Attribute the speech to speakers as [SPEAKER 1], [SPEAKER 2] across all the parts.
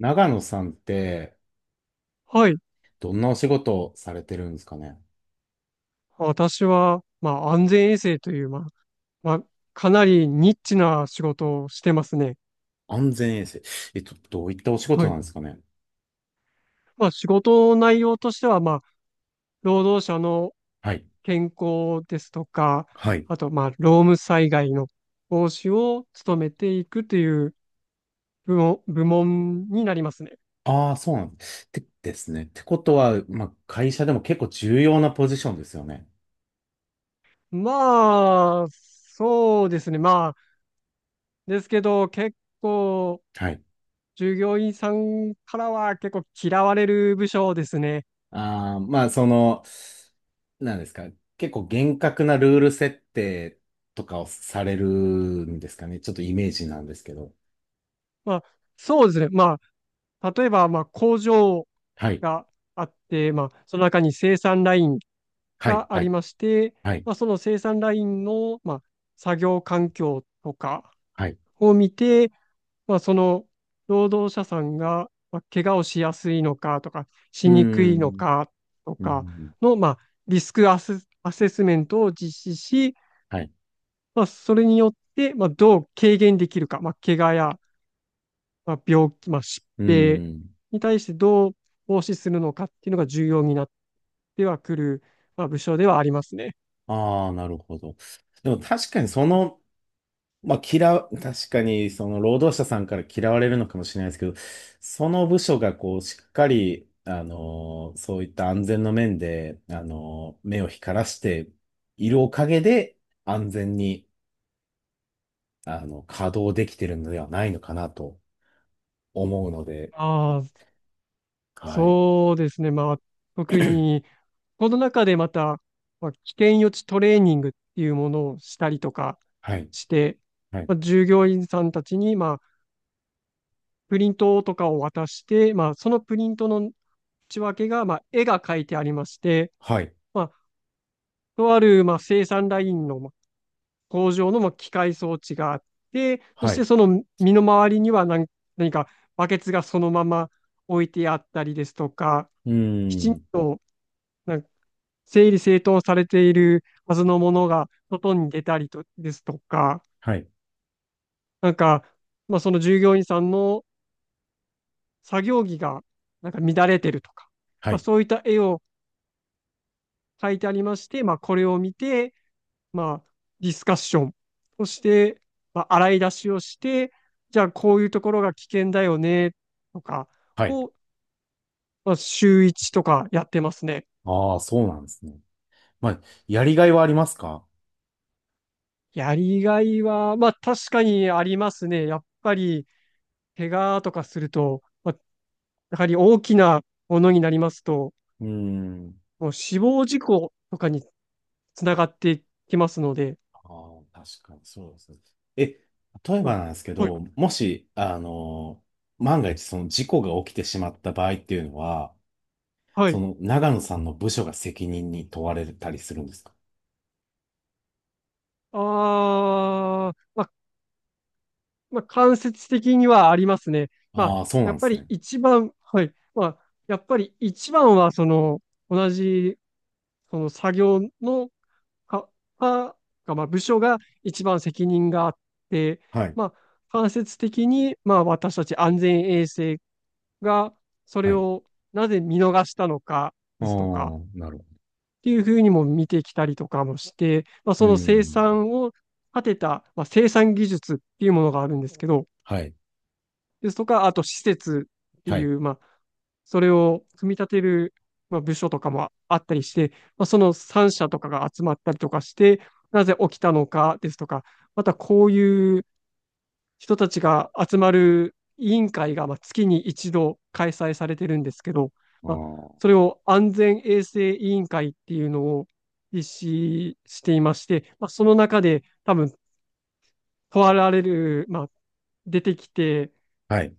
[SPEAKER 1] 長野さんって、
[SPEAKER 2] はい。
[SPEAKER 1] どんなお仕事をされてるんですかね？
[SPEAKER 2] 私は、安全衛生という、まあ、かなりニッチな仕事をしてますね。
[SPEAKER 1] 安全衛生。どういったお仕事
[SPEAKER 2] は
[SPEAKER 1] なん
[SPEAKER 2] い。
[SPEAKER 1] ですかね？
[SPEAKER 2] 仕事の内容としては、労働者の
[SPEAKER 1] はい。
[SPEAKER 2] 健康ですとか、
[SPEAKER 1] はい。
[SPEAKER 2] あと、労務災害の防止を努めていくという部門になりますね。
[SPEAKER 1] ああ、そうなんです。てですね。ってことは、まあ、会社でも結構重要なポジションですよね。
[SPEAKER 2] そうですね。ですけど、結構、
[SPEAKER 1] はい。
[SPEAKER 2] 従業員さんからは結構嫌われる部署ですね。
[SPEAKER 1] ああ、まあ、その、なんですか。結構厳格なルール設定とかをされるんですかね。ちょっとイメージなんですけど。
[SPEAKER 2] まあ、そうですね。例えば、工場
[SPEAKER 1] はい。
[SPEAKER 2] があって、その中に生産ライン
[SPEAKER 1] はい。
[SPEAKER 2] があ
[SPEAKER 1] は
[SPEAKER 2] り
[SPEAKER 1] い。
[SPEAKER 2] まして、
[SPEAKER 1] はい。
[SPEAKER 2] その生産ラインの、作業環境とか
[SPEAKER 1] はい。
[SPEAKER 2] を見て、その労働者さんが、怪我をしやすいのかとか、
[SPEAKER 1] う
[SPEAKER 2] し
[SPEAKER 1] ー
[SPEAKER 2] にくいの
[SPEAKER 1] ん。
[SPEAKER 2] かと
[SPEAKER 1] う
[SPEAKER 2] か
[SPEAKER 1] ん。
[SPEAKER 2] の、リスクアセ、アセスメントを実施し、
[SPEAKER 1] はい。
[SPEAKER 2] それによって、どう軽減できるか、怪我や病気、疾
[SPEAKER 1] うー
[SPEAKER 2] 病
[SPEAKER 1] ん。
[SPEAKER 2] に対してどう防止するのかっていうのが重要になってはくる、部署ではありますね。
[SPEAKER 1] ああ、なるほど。でも確かにその、まあ嫌う、確かにその労働者さんから嫌われるのかもしれないですけど、その部署がこうしっかり、そういった安全の面で、目を光らしているおかげで安全に、稼働できてるのではないのかなと思うので、
[SPEAKER 2] ああ、
[SPEAKER 1] はい。
[SPEAKER 2] そうですね。特に、この中でまた、危険予知トレーニングっていうものをしたりとか
[SPEAKER 1] はい。
[SPEAKER 2] して、
[SPEAKER 1] はい。
[SPEAKER 2] 従業員さんたちに、プリントとかを渡して、そのプリントの内訳が、絵が描いてありまして、
[SPEAKER 1] はい。
[SPEAKER 2] まあ、とある、生産ラインの工場の機械装置があって、そ
[SPEAKER 1] は
[SPEAKER 2] し
[SPEAKER 1] い。
[SPEAKER 2] てその身の回りには何かバケツがそのまま置いてあったりですとか、
[SPEAKER 1] う
[SPEAKER 2] きち
[SPEAKER 1] ー
[SPEAKER 2] ん
[SPEAKER 1] ん。
[SPEAKER 2] となんか整理整頓されているはずのものが外に出たりとですとか、
[SPEAKER 1] はい。
[SPEAKER 2] なんか、その従業員さんの作業着がなんか乱れてるとか、
[SPEAKER 1] はい。
[SPEAKER 2] そういった絵を描いてありまして、これを見て、まあ、ディスカッションをして、洗い出しをして、じゃあこういうところが危険だよね、とか
[SPEAKER 1] はい。
[SPEAKER 2] を、週1とかやってますね。
[SPEAKER 1] ああ、そうなんですね。まあ、やりがいはありますか？
[SPEAKER 2] やりがいは、まあ確かにありますね。やっぱり、怪我とかすると、やはり大きなものになりますと、
[SPEAKER 1] うーん。
[SPEAKER 2] もう死亡事故とかにつながってきますので、
[SPEAKER 1] ああ、確かにそうですね。え、例え
[SPEAKER 2] ま
[SPEAKER 1] ばなんですけ
[SPEAKER 2] あ、はい、
[SPEAKER 1] ど、もし、万が一その事故が起きてしまった場合っていうのは、
[SPEAKER 2] は
[SPEAKER 1] そ
[SPEAKER 2] い。
[SPEAKER 1] の長野さんの部署が責任に問われたりするんですか？
[SPEAKER 2] ああ、間接的にはありますね。
[SPEAKER 1] ああー、そうな
[SPEAKER 2] や
[SPEAKER 1] ん
[SPEAKER 2] っ
[SPEAKER 1] で
[SPEAKER 2] ぱ
[SPEAKER 1] す
[SPEAKER 2] り
[SPEAKER 1] ね。
[SPEAKER 2] 一番、はい。やっぱり一番は、その、同じ、その作業のか、か、が部署が一番責任があって、
[SPEAKER 1] はい。
[SPEAKER 2] まあ、間接的に、私たち安全衛生が、それ
[SPEAKER 1] はい。
[SPEAKER 2] をなぜ見逃したのか
[SPEAKER 1] あ
[SPEAKER 2] ですとか、
[SPEAKER 1] あ、なるほ
[SPEAKER 2] っていうふうにも見てきたりとかもして、
[SPEAKER 1] ど。うー
[SPEAKER 2] その生
[SPEAKER 1] ん。
[SPEAKER 2] 産を立てた、生産技術っていうものがあるんですけど、
[SPEAKER 1] はい。
[SPEAKER 2] ですとか、あと施設って
[SPEAKER 1] はい。
[SPEAKER 2] いう、それを組み立てる、部署とかもあったりして、その3社とかが集まったりとかして、なぜ起きたのかですとか、またこういう人たちが集まる委員会が月に一度開催されてるんですけど、
[SPEAKER 1] あ
[SPEAKER 2] まあ、それ
[SPEAKER 1] あ。
[SPEAKER 2] を安全衛生委員会っていうのを実施していまして、その中で多分問われる、出てきて
[SPEAKER 1] はい。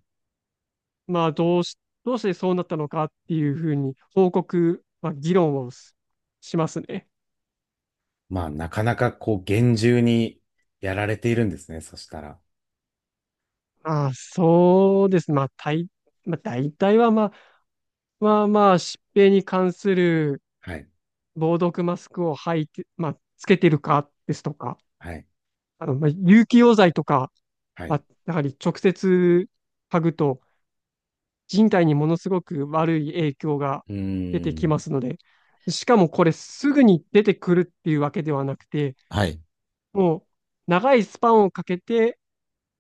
[SPEAKER 2] まあ、どうし、どうしてそうなったのかっていうふうに報告、議論をしますね。
[SPEAKER 1] まあ、なかなかこう、厳重にやられているんですね。そしたら。
[SPEAKER 2] ああ、そうです。大体は、疾病に関する
[SPEAKER 1] はい。
[SPEAKER 2] 防毒マスクを履いて、つけてるかですとか、
[SPEAKER 1] はい。
[SPEAKER 2] 有機溶剤とか、
[SPEAKER 1] はい。う
[SPEAKER 2] やはり直接嗅ぐと人体にものすごく悪い影響が
[SPEAKER 1] ー
[SPEAKER 2] 出てき
[SPEAKER 1] ん。
[SPEAKER 2] ますので、しかもこれすぐに出てくるっていうわけではなくて、
[SPEAKER 1] はい。
[SPEAKER 2] もう長いスパンをかけて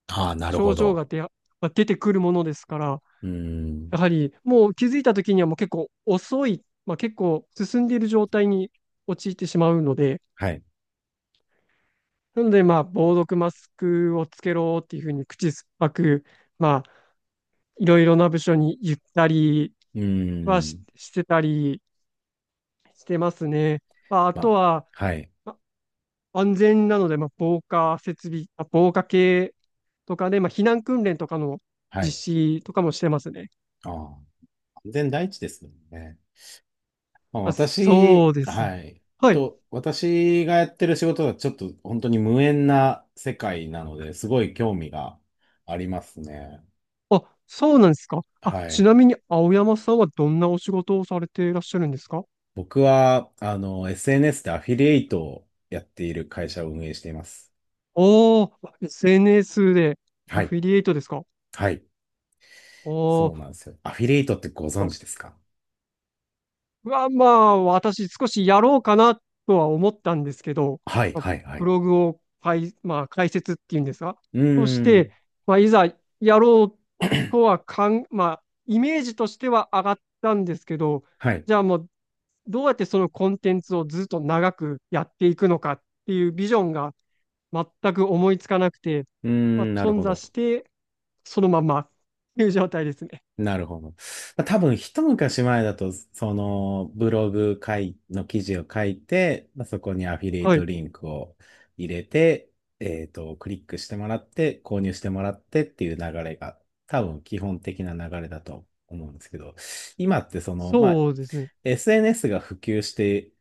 [SPEAKER 1] ああ、なる
[SPEAKER 2] 症
[SPEAKER 1] ほ
[SPEAKER 2] 状
[SPEAKER 1] ど。
[SPEAKER 2] が出や、まあ出てくるものですから、
[SPEAKER 1] うーん。
[SPEAKER 2] やはりもう気づいた時にはもう結構遅い、結構進んでいる状態に陥ってしまうので、
[SPEAKER 1] はい。
[SPEAKER 2] なので防毒マスクをつけろっていうふうに口酸っぱく、まあいろいろな部署に言ったり
[SPEAKER 1] うー
[SPEAKER 2] は
[SPEAKER 1] ん。
[SPEAKER 2] してたりしてますね。あ
[SPEAKER 1] ま
[SPEAKER 2] と
[SPEAKER 1] あ、
[SPEAKER 2] は、
[SPEAKER 1] はい。
[SPEAKER 2] 安全なので、防火設備、防火系とかで、避難訓練とかの
[SPEAKER 1] は
[SPEAKER 2] 実
[SPEAKER 1] い。
[SPEAKER 2] 施とかもしてますね。
[SPEAKER 1] ああ、安全第一ですもんね。まあ、
[SPEAKER 2] あ、そ
[SPEAKER 1] 私、
[SPEAKER 2] うですね。
[SPEAKER 1] はい。
[SPEAKER 2] はい。
[SPEAKER 1] と、私がやってる仕事はちょっと本当に無縁な世界なので、すごい興味がありますね。
[SPEAKER 2] あ、そうなんですか。あ、
[SPEAKER 1] は
[SPEAKER 2] ち
[SPEAKER 1] い。
[SPEAKER 2] なみに青山さんはどんなお仕事をされていらっしゃるんですか？
[SPEAKER 1] 僕は、SNS でアフィリエイトをやっている会社を運営しています。
[SPEAKER 2] おー、SNS でア
[SPEAKER 1] はい。
[SPEAKER 2] フィリエイトですか？
[SPEAKER 1] はい。
[SPEAKER 2] お
[SPEAKER 1] そうな
[SPEAKER 2] ー、
[SPEAKER 1] んですよ。アフィリエイトってご存知ですか？
[SPEAKER 2] は、私少しやろうかなとは思ったんですけど、
[SPEAKER 1] はい、
[SPEAKER 2] まあ
[SPEAKER 1] はい、は
[SPEAKER 2] ブ
[SPEAKER 1] い。
[SPEAKER 2] ログを解、まあ、解説っていうんですか。
[SPEAKER 1] う
[SPEAKER 2] そし
[SPEAKER 1] ー
[SPEAKER 2] て、
[SPEAKER 1] ん。
[SPEAKER 2] いざやろうとはかん、まあ、イメージとしては上がったんですけど、
[SPEAKER 1] はい。
[SPEAKER 2] じゃあもう、どうやってそのコンテンツをずっと長くやっていくのかっていうビジョンが全く思いつかなくて、
[SPEAKER 1] うーん、なる
[SPEAKER 2] 頓
[SPEAKER 1] ほ
[SPEAKER 2] 挫
[SPEAKER 1] ど。
[SPEAKER 2] して、そのままっていう状態ですね。
[SPEAKER 1] なるほど。まあ多分一昔前だと、そのブログ書いの記事を書いて、まあそこにアフィリエイ
[SPEAKER 2] は
[SPEAKER 1] ト
[SPEAKER 2] い。
[SPEAKER 1] リンクを入れて、クリックしてもらって、購入してもらってっていう流れが、多分基本的な流れだと思うんですけど、今ってその、まあ、
[SPEAKER 2] そうですね。
[SPEAKER 1] SNS が普及して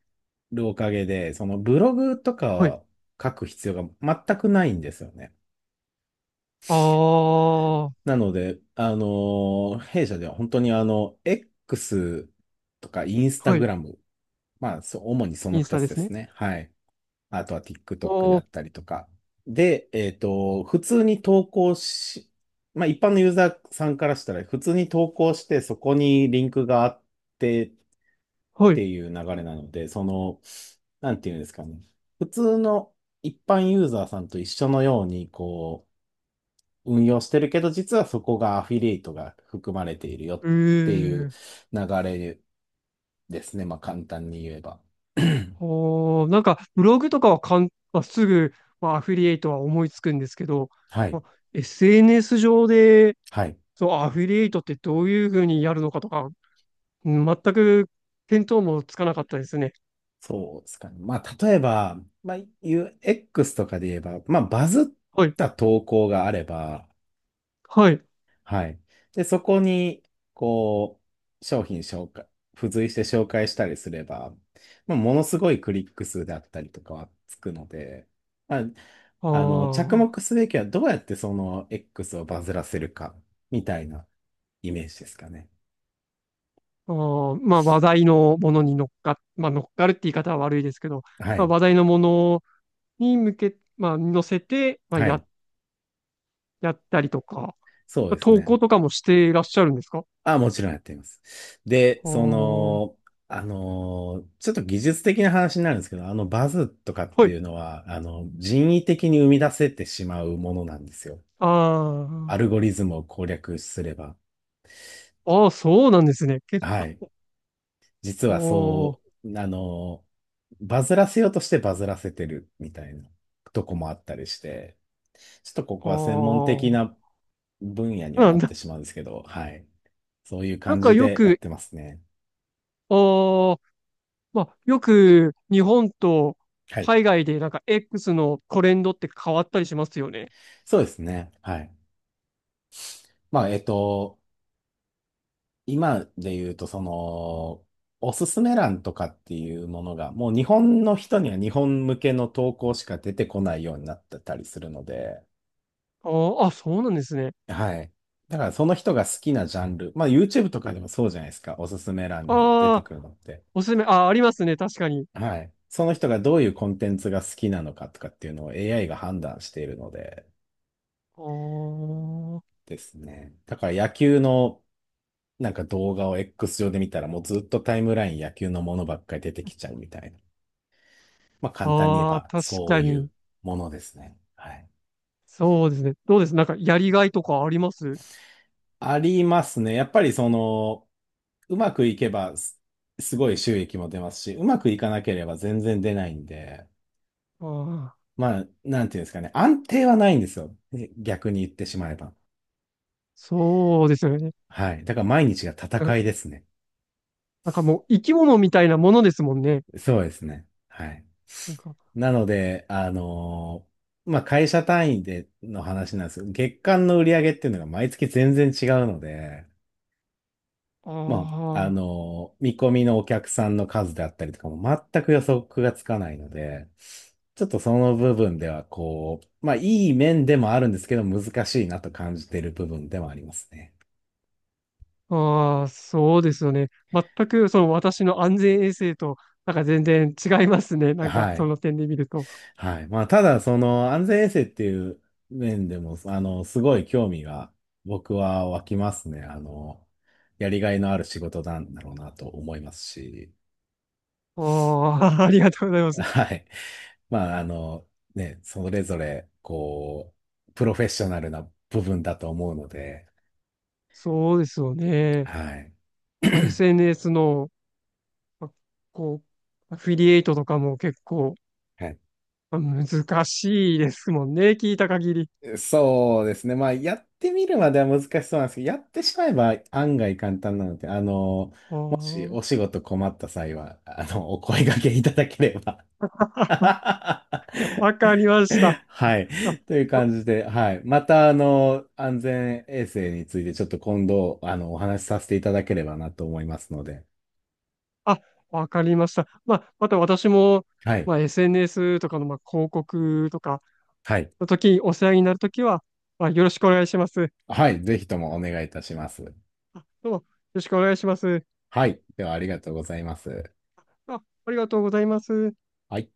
[SPEAKER 1] るおかげで、そのブログとか
[SPEAKER 2] はい。
[SPEAKER 1] は書く必要が全くないんですよね。
[SPEAKER 2] ああ、
[SPEAKER 1] なので、弊社では本当にX とかインスタ
[SPEAKER 2] は
[SPEAKER 1] グ
[SPEAKER 2] い。
[SPEAKER 1] ラム、まあ、そう、主にそ
[SPEAKER 2] イ
[SPEAKER 1] の
[SPEAKER 2] ンスタ
[SPEAKER 1] 2つ
[SPEAKER 2] で
[SPEAKER 1] で
[SPEAKER 2] す
[SPEAKER 1] す
[SPEAKER 2] ね。
[SPEAKER 1] ね。はい。あとは TikTok で
[SPEAKER 2] あ
[SPEAKER 1] あっ
[SPEAKER 2] あ、
[SPEAKER 1] たりとか。で、普通に投稿し、まあ、一般のユーザーさんからしたら、普通に投稿して、そこにリンクがあってっ
[SPEAKER 2] は
[SPEAKER 1] て
[SPEAKER 2] い。
[SPEAKER 1] いう流れなので、その、なんていうんですかね。普通の一般ユーザーさんと一緒のように、こう、運用してるけど、実はそこがアフィリエイトが含まれているよっていう
[SPEAKER 2] ええ、
[SPEAKER 1] 流れですね。まあ簡単に言えば。
[SPEAKER 2] ああ、なんか、ブログとかはかん、まあ、すぐ、アフィリエイトは思いつくんですけど、
[SPEAKER 1] はい。
[SPEAKER 2] まあ、SNS 上で、
[SPEAKER 1] はい。
[SPEAKER 2] そう、アフィリエイトってどういうふうにやるのかとか、うん全く見当もつかなかったですね。
[SPEAKER 1] そうですかね。まあ例えば、まあ UX とかで言えば、まあバズっ
[SPEAKER 2] はい。
[SPEAKER 1] た投稿があれば、
[SPEAKER 2] はい。
[SPEAKER 1] はい。で、そこに、こう、商品紹介、付随して紹介したりすれば、まあ、ものすごいクリック数であったりとかはつくので、まあ、
[SPEAKER 2] あ
[SPEAKER 1] 着
[SPEAKER 2] ー、
[SPEAKER 1] 目すべきはどうやってその X をバズらせるか、みたいなイメージですかね。
[SPEAKER 2] あー、話題のものに乗っかるって言い方は悪いですけど、
[SPEAKER 1] はい。
[SPEAKER 2] 話題のものに向け、まあ、乗せて、
[SPEAKER 1] はい。
[SPEAKER 2] やったりとか、
[SPEAKER 1] そうです
[SPEAKER 2] 投
[SPEAKER 1] ね。
[SPEAKER 2] 稿とかもしていらっしゃるんですか？あ
[SPEAKER 1] あ、もちろんやっています。で、
[SPEAKER 2] あ
[SPEAKER 1] そ
[SPEAKER 2] ー、
[SPEAKER 1] の、ちょっと技術的な話になるんですけど、あのバズとかっ
[SPEAKER 2] は
[SPEAKER 1] てい
[SPEAKER 2] い。
[SPEAKER 1] うのは、人為的に生み出せてしまうものなんですよ。アル
[SPEAKER 2] あ
[SPEAKER 1] ゴリズムを攻略すれば。
[SPEAKER 2] あ、ああ、そうなんですね。結
[SPEAKER 1] はい。実は
[SPEAKER 2] 構、
[SPEAKER 1] そう、バズらせようとしてバズらせてるみたいなとこもあったりして、ちょっとここ
[SPEAKER 2] あ
[SPEAKER 1] は専門
[SPEAKER 2] あ、
[SPEAKER 1] 的な
[SPEAKER 2] あ
[SPEAKER 1] 分野に
[SPEAKER 2] あ、
[SPEAKER 1] は
[SPEAKER 2] な
[SPEAKER 1] な
[SPEAKER 2] ん
[SPEAKER 1] って
[SPEAKER 2] だ、
[SPEAKER 1] しまうんですけど、はい。そういう
[SPEAKER 2] なん
[SPEAKER 1] 感
[SPEAKER 2] か
[SPEAKER 1] じ
[SPEAKER 2] よ
[SPEAKER 1] でやっ
[SPEAKER 2] く、
[SPEAKER 1] てますね。
[SPEAKER 2] ああ、よく日本と
[SPEAKER 1] はい。
[SPEAKER 2] 海外でなんか X のトレンドって変わったりしますよね。
[SPEAKER 1] そうですね。はい。まあ、今で言うと、その、おすすめ欄とかっていうものが、もう日本の人には日本向けの投稿しか出てこないようになってたりするので、
[SPEAKER 2] ああ、あ、そうなんですね。
[SPEAKER 1] はい。だからその人が好きなジャンル、まあ YouTube とかでもそうじゃないですか、おすすめ欄に出て
[SPEAKER 2] ああ、
[SPEAKER 1] くるのって。
[SPEAKER 2] おすすめ、ああ、ありますね、確かに。
[SPEAKER 1] はい。その人がどういうコンテンツが好きなのかとかっていうのを AI が判断しているので
[SPEAKER 2] あ
[SPEAKER 1] ですね。だから野球のなんか動画を X 上で見たらもうずっとタイムライン野球のものばっかり出てきちゃうみたいな。まあ
[SPEAKER 2] あ、
[SPEAKER 1] 簡単に言え
[SPEAKER 2] ああ、
[SPEAKER 1] ば
[SPEAKER 2] 確
[SPEAKER 1] そう
[SPEAKER 2] か
[SPEAKER 1] いう
[SPEAKER 2] に。
[SPEAKER 1] ものですね。はい。
[SPEAKER 2] そうですね。どうです？なんかやりがいとかあります？
[SPEAKER 1] ありますね。やっぱりその、うまくいけばすごい収益も出ますし、うまくいかなければ全然出ないんで、
[SPEAKER 2] ああー、
[SPEAKER 1] まあ、なんていうんですかね。安定はないんですよ。逆に言ってしまえば。
[SPEAKER 2] そうですよね。
[SPEAKER 1] はい。だから毎日が
[SPEAKER 2] う
[SPEAKER 1] 戦
[SPEAKER 2] ん。
[SPEAKER 1] いですね。
[SPEAKER 2] なんかもう生き物みたいなものですもんね。
[SPEAKER 1] そうですね。はい。
[SPEAKER 2] なんか、
[SPEAKER 1] なので、まあ会社単位での話なんですけど、月間の売り上げっていうのが毎月全然違うので、まあ、
[SPEAKER 2] あ
[SPEAKER 1] 見込みのお客さんの数であったりとかも全く予測がつかないので、ちょっとその部分ではこう、まあいい面でもあるんですけど難しいなと感じている部分でもありますね。
[SPEAKER 2] あ、ああ、そうですよね。全くその私の安全衛生と、なんか全然違いますね。なんか
[SPEAKER 1] は
[SPEAKER 2] そ
[SPEAKER 1] い。
[SPEAKER 2] の点で見ると。
[SPEAKER 1] はい。まあただその安全衛生っていう面でも、すごい興味が僕は湧きますね。やりがいのある仕事なんだろうなと思いますし。
[SPEAKER 2] ああ、ありがとうございま す。
[SPEAKER 1] はい。まあ、ね、それぞれ、こう、プロフェッショナルな部分だと思うので、
[SPEAKER 2] そうですよね。
[SPEAKER 1] はい。
[SPEAKER 2] SNS の、まあこう、アフィリエイトとかも結構、
[SPEAKER 1] はい。
[SPEAKER 2] 難しいですもんね。聞いた限り。
[SPEAKER 1] そうですね。まあ、やってみるまでは難しそうなんですけど、やってしまえば案外簡単なので、
[SPEAKER 2] あ
[SPEAKER 1] もし
[SPEAKER 2] あ、
[SPEAKER 1] お仕事困った際は、お声掛けいただければ。
[SPEAKER 2] わかりま した。
[SPEAKER 1] はい。
[SPEAKER 2] あ、
[SPEAKER 1] という
[SPEAKER 2] そ
[SPEAKER 1] 感じで、はい。また、安全衛生についてちょっと今度、お話しさせていただければなと思いますので。
[SPEAKER 2] あ、わかりました。また私も、
[SPEAKER 1] はい。
[SPEAKER 2] SNS とかの、広告とか
[SPEAKER 1] はい。
[SPEAKER 2] の時にお世話になるときは、よろしくお願いします。
[SPEAKER 1] はい。ぜひともお願いいたします。
[SPEAKER 2] どうも、よろしくお願いします。
[SPEAKER 1] はい。では、ありがとうございます。
[SPEAKER 2] あ、ありがとうございます。
[SPEAKER 1] はい。